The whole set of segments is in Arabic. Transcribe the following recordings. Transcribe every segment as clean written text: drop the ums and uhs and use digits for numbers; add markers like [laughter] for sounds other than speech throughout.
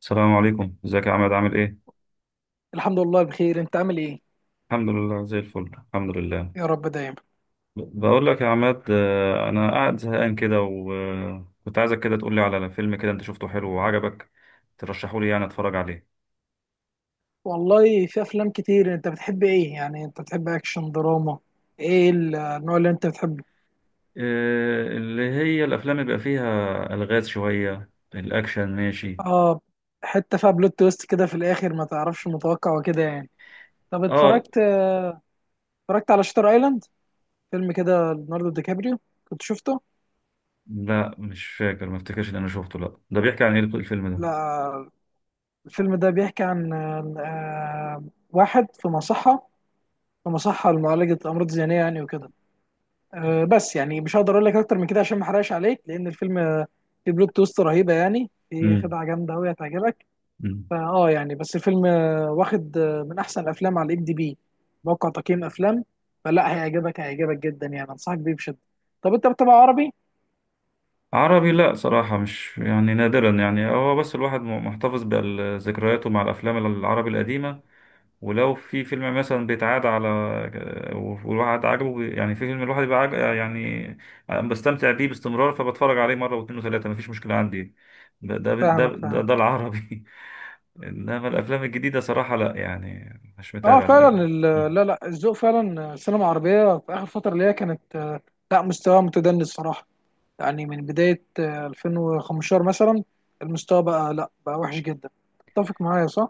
السلام عليكم، ازيك يا عماد؟ عامل ايه؟ الحمد لله بخير. انت عامل ايه؟ الحمد لله، زي الفل، الحمد لله. يا رب دايما. بقول لك يا عماد، انا قاعد زهقان كده، وكنت عايزك كده تقول لي على فيلم كده انت شفته حلو وعجبك، ترشحه لي يعني اتفرج عليه. والله في افلام كتير، انت بتحب ايه يعني؟ انت بتحب اكشن دراما؟ ايه النوع اللي انت بتحبه؟ اللي هي الافلام اللي بيبقى فيها الغاز شويه، الاكشن ماشي. اه. حتة فيها بلوت تويست كده في الاخر، ما تعرفش متوقع وكده يعني. طب اه، اتفرجت، اتفرجت على شاتر ايلاند؟ فيلم كده ليوناردو دي كابريو، كنت شفته؟ لا مش فاكر، ما افتكرش ان انا شفته. لا، ده بيحكي عن ايه الفيلم ده؟ لا، الفيلم ده بيحكي عن آه، واحد في مصحة، في مصحة لمعالجة امراض ذهنية يعني وكده. بس يعني مش هقدر اقول لك اكتر من كده عشان ما احرقش عليك، لان الفيلم فيه بلوت تويست رهيبه، يعني في خدعه جامده قوي هتعجبك. امم فاه يعني، بس الفيلم واخد من احسن الافلام على الام دي بي، موقع تقييم افلام. فلا، هيعجبك، هيعجبك جدا يعني، انصحك بيه بشده. طب انت بتتابع عربي؟ عربي؟ لا صراحة، مش يعني، نادرا يعني. هو بس الواحد محتفظ بذكرياته مع الأفلام العربي القديمة، ولو في فيلم مثلا بيتعاد على والواحد عاجبه يعني في فيلم الواحد بيبقى عاجب يعني، بستمتع بيه باستمرار، فبتفرج عليه مرة واتنين وتلاتة، مفيش مشكلة عندي. ده ده ده فاهمك ده, ده فاهمك. العربي. [laughs] إنما الأفلام الجديدة صراحة لا، يعني مش اه متابع للأسف. فعلا لا لا الذوق فعلا. السينما العربيه في اخر فتره اللي هي كانت، لا مستوى متدني الصراحه، يعني من بداية 2015 مثلا المستوى بقى، لا بقى وحش جدا. تتفق معايا صح؟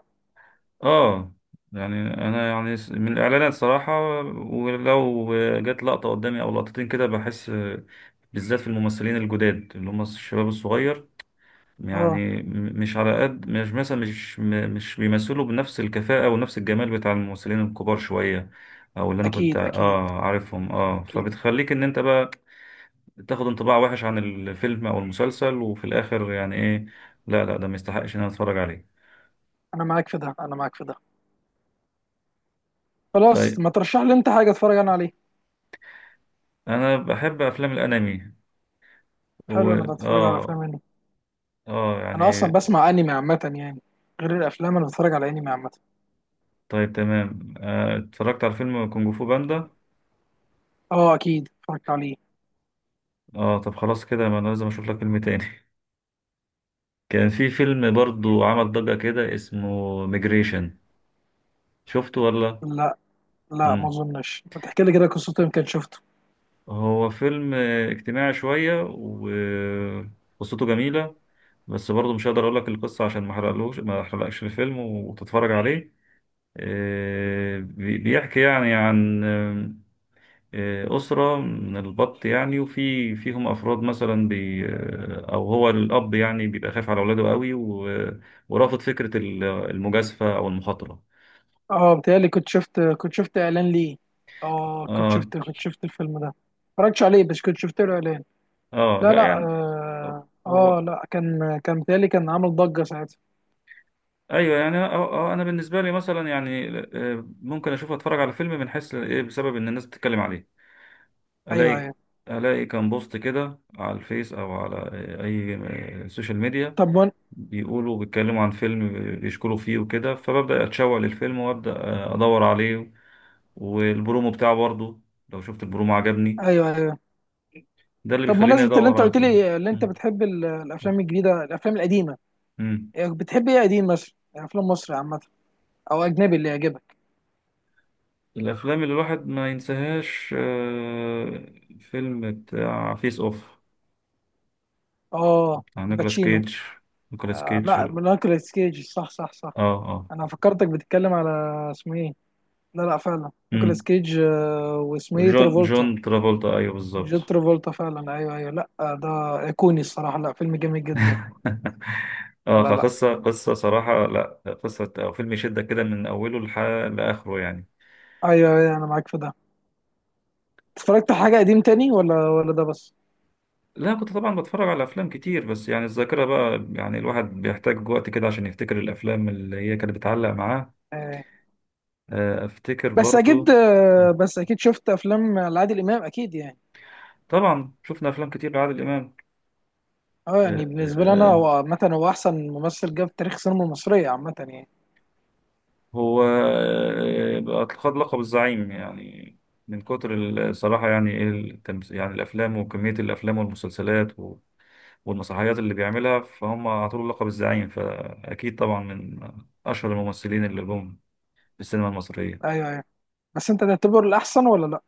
اه، يعني انا يعني من الاعلانات صراحة، ولو جت لقطة قدامي او لقطتين كده بحس، بالذات في الممثلين الجداد اللي هم الشباب الصغير، اه يعني م- مش على قد مش مثلا مش م- مش بيمثلوا بنفس الكفاءة ونفس الجمال بتاع الممثلين الكبار شوية، او اللي انا كنت اكيد اكيد اه عارفهم، اه اكيد. فبتخليك ان انت بقى تاخد انطباع وحش عن الفيلم او المسلسل، وفي الاخر يعني ايه، لا لا ده ما يستحقش ان انا اتفرج عليه. انا معاك في ده، انا معاك في ده. خلاص، طيب، ما ترشح لي انت حاجة اتفرج انا عليه. انا بحب افلام الانمي. و حلو، انا بتفرج على اه افلام انمي. اه انا يعني اصلا بسمع انمي عامة يعني، غير الافلام انا بتفرج على انمي عامة. طيب تمام. اتفرجت على فيلم كونج فو باندا. اه اكيد اتفرجت عليه. اه طب خلاص كده، ما انا لازم اشوف لك فيلم تاني. [laughs] كان في فيلم برضو عمل ضجة كده، اسمه ميجريشن. شفته ولا؟ لا لا ما مم. اظنش، ما تحكي لي كده قصته يمكن شفته. هو فيلم اجتماعي شوية، وقصته جميلة، بس برضو مش هقدر اقول لك القصة عشان ما احرقلوش، ما احرقلكش الفيلم وتتفرج عليه. بيحكي يعني عن أسرة من البط يعني، وفي فيهم أفراد مثلا بي، أو هو الأب يعني بيبقى خايف على أولاده قوي، ورافض فكرة المجازفة أو المخاطرة. اه بتهيألي كنت شفت، كنت شفت اعلان ليه. اه كنت آه شفت، كنت شفت الفيلم ده، ما اتفرجتش عليه بس كنت شفت له اعلان. آه، لا لا لا يعني اه، هو. آه لا كان، كان بيتهيألي كان عامل ضجة ساعتها. أيوه يعني، أنا بالنسبة لي مثلا يعني، ممكن أشوف أتفرج على فيلم من حيث إيه، بسبب إن الناس بتتكلم عليه، ايوه ألاقي ايوه. ألاقي كان بوست كده على الفيس، أو على أي سوشيال ميديا، طب ون... بيقولوا بيتكلموا عن فيلم، بيشكروا فيه وكده، فببدأ أتشوق للفيلم، وأبدأ أدور عليه، والبرومو بتاعه برضه، لو شفت البرومو عجبني، ايوه ايوه. ده اللي طب بيخليني مناسبة اللي أدور انت على قلت الفيلم. لي، اللي انت مم. بتحب الافلام الجديدة الافلام القديمة، مم. إيه، بتحب ايه قديم مثلا؟ يعني افلام مصر عامة او اجنبي اللي يعجبك. الأفلام اللي الواحد ما ينساهاش، فيلم بتاع فيس أوف، اه بتاع نيكولاس الباتشينو. كيج. نيكولاس آه كيج، لا اه. نيكولاس كيج، صح صح صح. اه. انا فكرتك بتتكلم على، اسمه ايه. لا لا فعلا نيكولاس مم. كيج. آه واسمه ايه، جون ترافولتا. ترافولتا، ايوه بالظبط. جون ترافولتا فعلا، ايوه ايوه. لا ده ايقوني الصراحة، لا فيلم جميل جدا. [laughs] اه، لا لا. قصة صراحة لا. قصة أو فيلم يشدك كده من أوله لآخره يعني. ايوه ايوه انا معاك في ده. اتفرجت على حاجه قديم تاني ولا ولا ده بس؟ لا كنت طبعا بتفرج على افلام كتير، بس يعني الذاكره بقى، يعني الواحد بيحتاج وقت كده عشان يفتكر الافلام اللي هي كانت بتعلق معاه. آه. افتكر بس اكيد، برضو. بس اكيد شفت افلام لعادل امام اكيد يعني. طبعا شفنا افلام كتير لعادل امام. اه آه، يعني آه، بالنسبه لي انا، آه، هو عامه هو احسن ممثل جه في تاريخ السينما المصريه عامه يعني. هو بقى خد لقب الزعيم، يعني من كتر الصراحه، يعني ايه يعني الافلام وكميه الافلام والمسلسلات والمسرحيات اللي بيعملها، فهم اعطوا له لقب الزعيم، فاكيد طبعا من اشهر الممثلين اللي جم في السينما المصريه. ايوه ايوه. بس انت تعتبره الاحسن ولا لا؟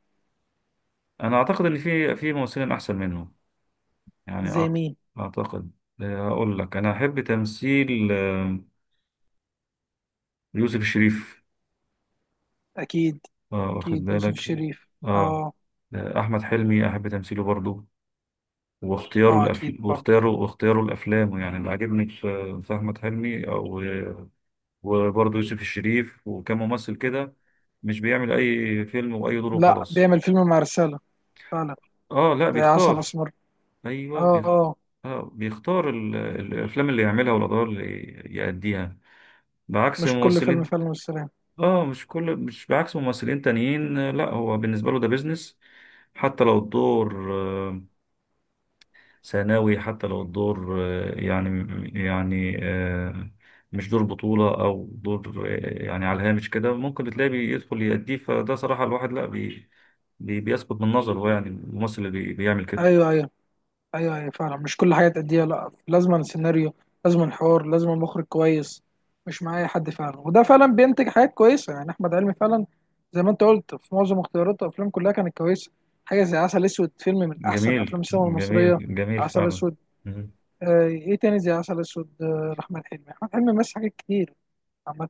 انا اعتقد ان في ممثلين احسن منهم، يعني زي مين؟ اعتقد، اقول لك انا احب تمثيل يوسف الشريف. اكيد اه واخد اكيد، يوسف بالك؟ الشريف. اه. اه احمد حلمي احب تمثيله برضو، واختياره اه. اكيد الافلام برضه. واختياره واختياره الافلام، يعني اللي عاجبني في احمد حلمي، او وبرضه يوسف الشريف. وكان ممثل كده مش بيعمل اي فيلم واي دور لا وخلاص. بيعمل فيلم مع رساله، فعلا. اه لا زي عسل بيختار. اسمر. ايوه اه اه. آه بيختار الافلام اللي يعملها والادوار اللي يأديها، بعكس مش كل فيلم ممثلين. فيلم والسلام. اه مش كل مش بعكس ممثلين تانيين، لا هو بالنسبه له ده بيزنس، حتى لو الدور ثانوي، حتى لو الدور يعني آه، مش دور بطولة أو دور يعني على الهامش كده، ممكن تلاقيه بيدخل يأديه، فده صراحة الواحد لا بيسقط من نظره، هو يعني الممثل اللي بيعمل كده. ايوه ايوه. ايوه ايوه فعلا، مش كل حاجه تأديها، لا لازم سيناريو، لازم حوار، لازم مخرج كويس، مش معايا حد فعلا. وده فعلا بينتج حاجات كويسه يعني احمد علمي فعلا، زي ما انت قلت في معظم اختياراته افلام كلها كانت كويسه. حاجه زي عسل اسود، فيلم من احسن جميل افلام السينما المصريه. جميل جميل عسل فعلا. اسود. مم. آه ايه تاني زي عسل اسود؟ آه احمد حلمي، احمد حلمي مثل حاجات كتير عامه.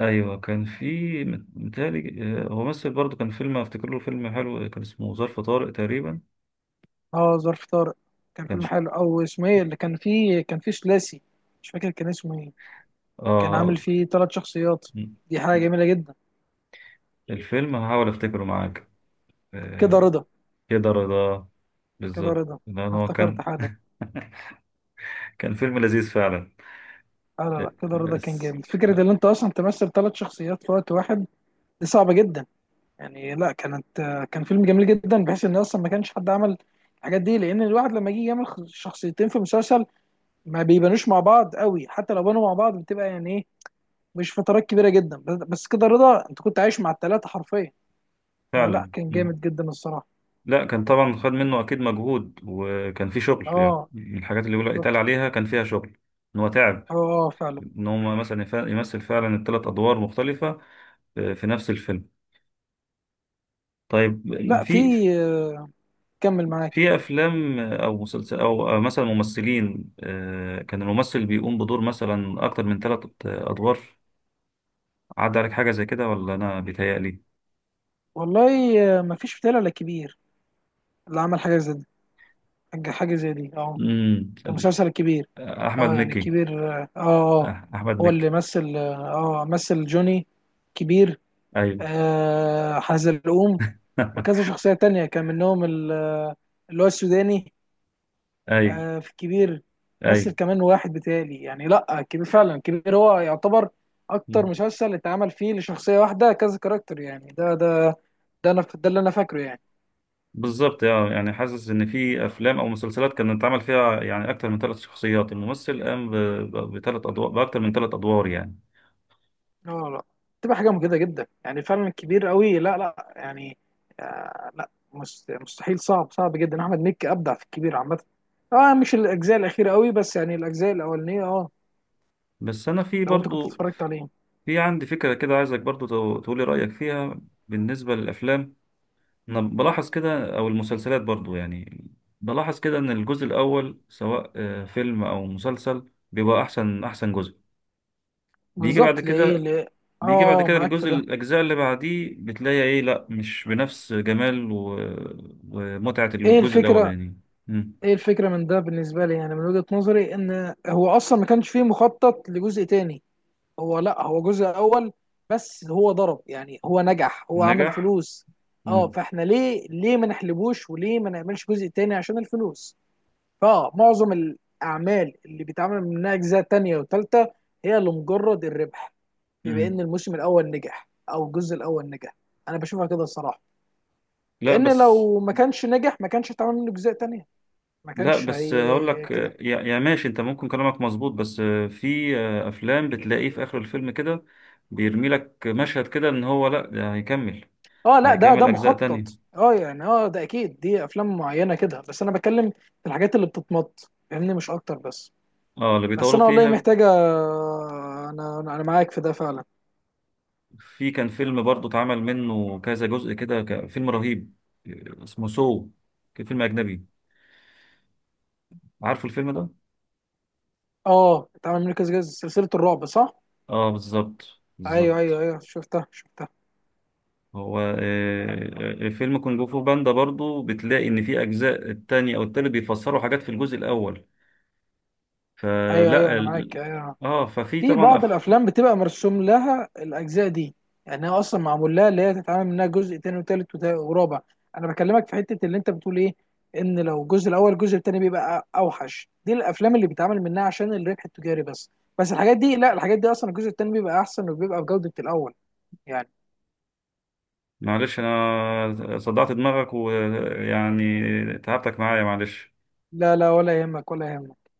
ايوه كان في، متهيألي هو مثل برضه، كان فيلم افتكر له فيلم حلو، كان اسمه ظرف طارق تقريبا. اه ظرف طارق كان كان فيلم ش- حلو. او اسمه ايه اللي كان فيه، كان فيه ثلاثي، مش فاكر كان اسمه ايه، كان عامل اه. فيه ثلاث شخصيات، مم. دي حاجه جميله جدا. الفيلم هحاول افتكره معاك. كده آه، رضا. كده رضا، كده بالظبط. رضا، لان انا هو افتكرت كان حالا. [laughs] كان فيلم لذيذ فعلا. لا لا آه، لا كده رضا كان بس جامد، فكره آه، ان انت اصلا تمثل ثلاث شخصيات في وقت واحد، دي صعبه جدا يعني. لا كانت، كان فيلم جميل جدا، بحيث ان اصلا ما كانش حد عمل الحاجات دي. لان الواحد لما يجي يعمل شخصيتين في مسلسل، ما بيبانوش مع بعض قوي، حتى لو بانوا مع بعض بتبقى يعني ايه، مش فترات كبيره جدا. بس بس كده رضا انت كنت عايش مع الثلاثه حرفيا، فلا فعلا. كان مم. جامد جدا الصراحه. لا كان طبعا خد منه اكيد مجهود، وكان في شغل، يعني اه من الحاجات اللي يقول يتقال بالظبط. عليها كان فيها شغل، ان هو تعب، اه اه فعلا. ان هو مثلا يمثل فعلا الثلاث ادوار مختلفه في نفس الفيلم. طيب، لا في، في آه، كمل معاك. في افلام او مسلسل او أو مثلا ممثلين، كان الممثل بيقوم بدور مثلا اكتر من ثلاث ادوار. عدى عليك حاجه زي كده ولا انا بيتهيألي؟ والله ما فيش فتاة ولا كبير اللي عمل حاجه زي دي، حاجه حاجة زي دي اه. امم كان مسلسل الكبير. احمد اه يعني مكي. الكبير اه اه آه. أح- احمد هو مكي. اللي مثل اه، مثل جوني، كبير، ايوه. آه حزلقوم، وكذا [laughs] شخصيه تانية كان منهم اللي هو السوداني. ايوه آه في الكبير. مثل ايوه كمان واحد بتالي يعني، لا الكبير فعلا، الكبير هو يعتبر اكتر مسلسل اتعمل فيه لشخصيه واحده كذا كاركتر يعني، ده ده ده انا، ده اللي انا فاكره يعني. بالظبط. اه، يعني حاسس ان في افلام او مسلسلات كان اتعمل فيها يعني اكتر من ثلاث شخصيات، الممثل قام بثلاث ادوار، باكتر من ثلاث ادوار يعني. لا لا تبقى حاجه مجهده جدا يعني، فعلا كبير قوي، لا لا يعني، آه لا مستحيل، صعب صعب جدا. احمد مكي ابدع في الكبير عامه، اه مش الاجزاء الاخيره قوي بس يعني الاجزاء الاولانيه اه. بس انا في لو انت كنت برضو اتفرجت عليه. في عندي فكره كده، عايزك برضو تقولي رايك فيها بالنسبه للافلام. انا بلاحظ كده، او المسلسلات برضو يعني، بلاحظ كده ان الجزء الاول، سواء فيلم او مسلسل، بيبقى احسن احسن جزء بيجي بعد بالظبط، ليه كده. ليه؟ اه معاك في الجزء، ده. الأجزاء اللي بعديه، بتلاقي إيه، لأ مش بنفس جمال و... ومتعة ايه الجزء الفكره؟ الأولاني. مم. ايه الفكره من ده بالنسبه لي يعني؟ من وجهه نظري ان هو اصلا ما كانش فيه مخطط لجزء تاني، هو لا هو جزء اول بس اللي هو ضرب يعني، هو نجح هو عمل نجح. فلوس. اه مم. فاحنا ليه، ليه ما نحلبوش وليه ما نعملش جزء تاني عشان الفلوس. فمعظم الاعمال اللي بيتعمل منها اجزاء تانية وتالتة هي لمجرد الربح، بما مم. ان الموسم الاول نجح او الجزء الاول نجح، انا بشوفها كده الصراحة. لأ لان بس، لو ما كانش نجح ما كانش هيتعمل منه اجزاء تانية، ما لأ كانش بس هي هقول لك كده. يا... يا ماشي، أنت ممكن كلامك مظبوط، بس في أفلام بتلاقيه في آخر الفيلم كده بيرمي لك مشهد كده، إن هو لأ ده هيكمل، اه لا ده ده هيكمل أجزاء مخطط تانية. اه يعني، اه ده اكيد دي افلام معينه كده، بس انا بتكلم في الحاجات اللي بتتمط فاهمني، مش اكتر بس. اه اللي بس بيطولوا انا والله فيها. محتاجه، انا انا معاك في ده فعلا. في كان فيلم برضو اتعمل منه كذا جزء كده، فيلم رهيب، اسمه سو، كان فيلم أجنبي. عارفه الفيلم ده؟ اه اتعمل منه كذا كذا، سلسله الرعب صح. اه بالظبط ايوه ايوه بالظبط. ايوه شفتها شفتها. هو فيلم كونج فو باندا برضو بتلاقي ان في اجزاء التاني او التالت بيفسروا حاجات في الجزء الاول. ايوه ايوه فلا انا معاك ايوه. اه، ففي في طبعا بعض الافلام بتبقى مرسوم لها الاجزاء دي، يعني هي اصلا معمول لها اللي هي تتعامل منها جزء تاني وتالت ورابع. انا بكلمك في حته اللي انت بتقول ايه، ان لو الجزء الاول، الجزء التاني بيبقى اوحش، دي الافلام اللي بيتعمل منها عشان الربح التجاري بس. بس الحاجات دي لا، الحاجات دي اصلا الجزء التاني بيبقى احسن وبيبقى بجوده الاول يعني. معلش انا صدعت دماغك، ويعني تعبتك معايا، معلش. لا لا ولا يهمك ولا يهمك.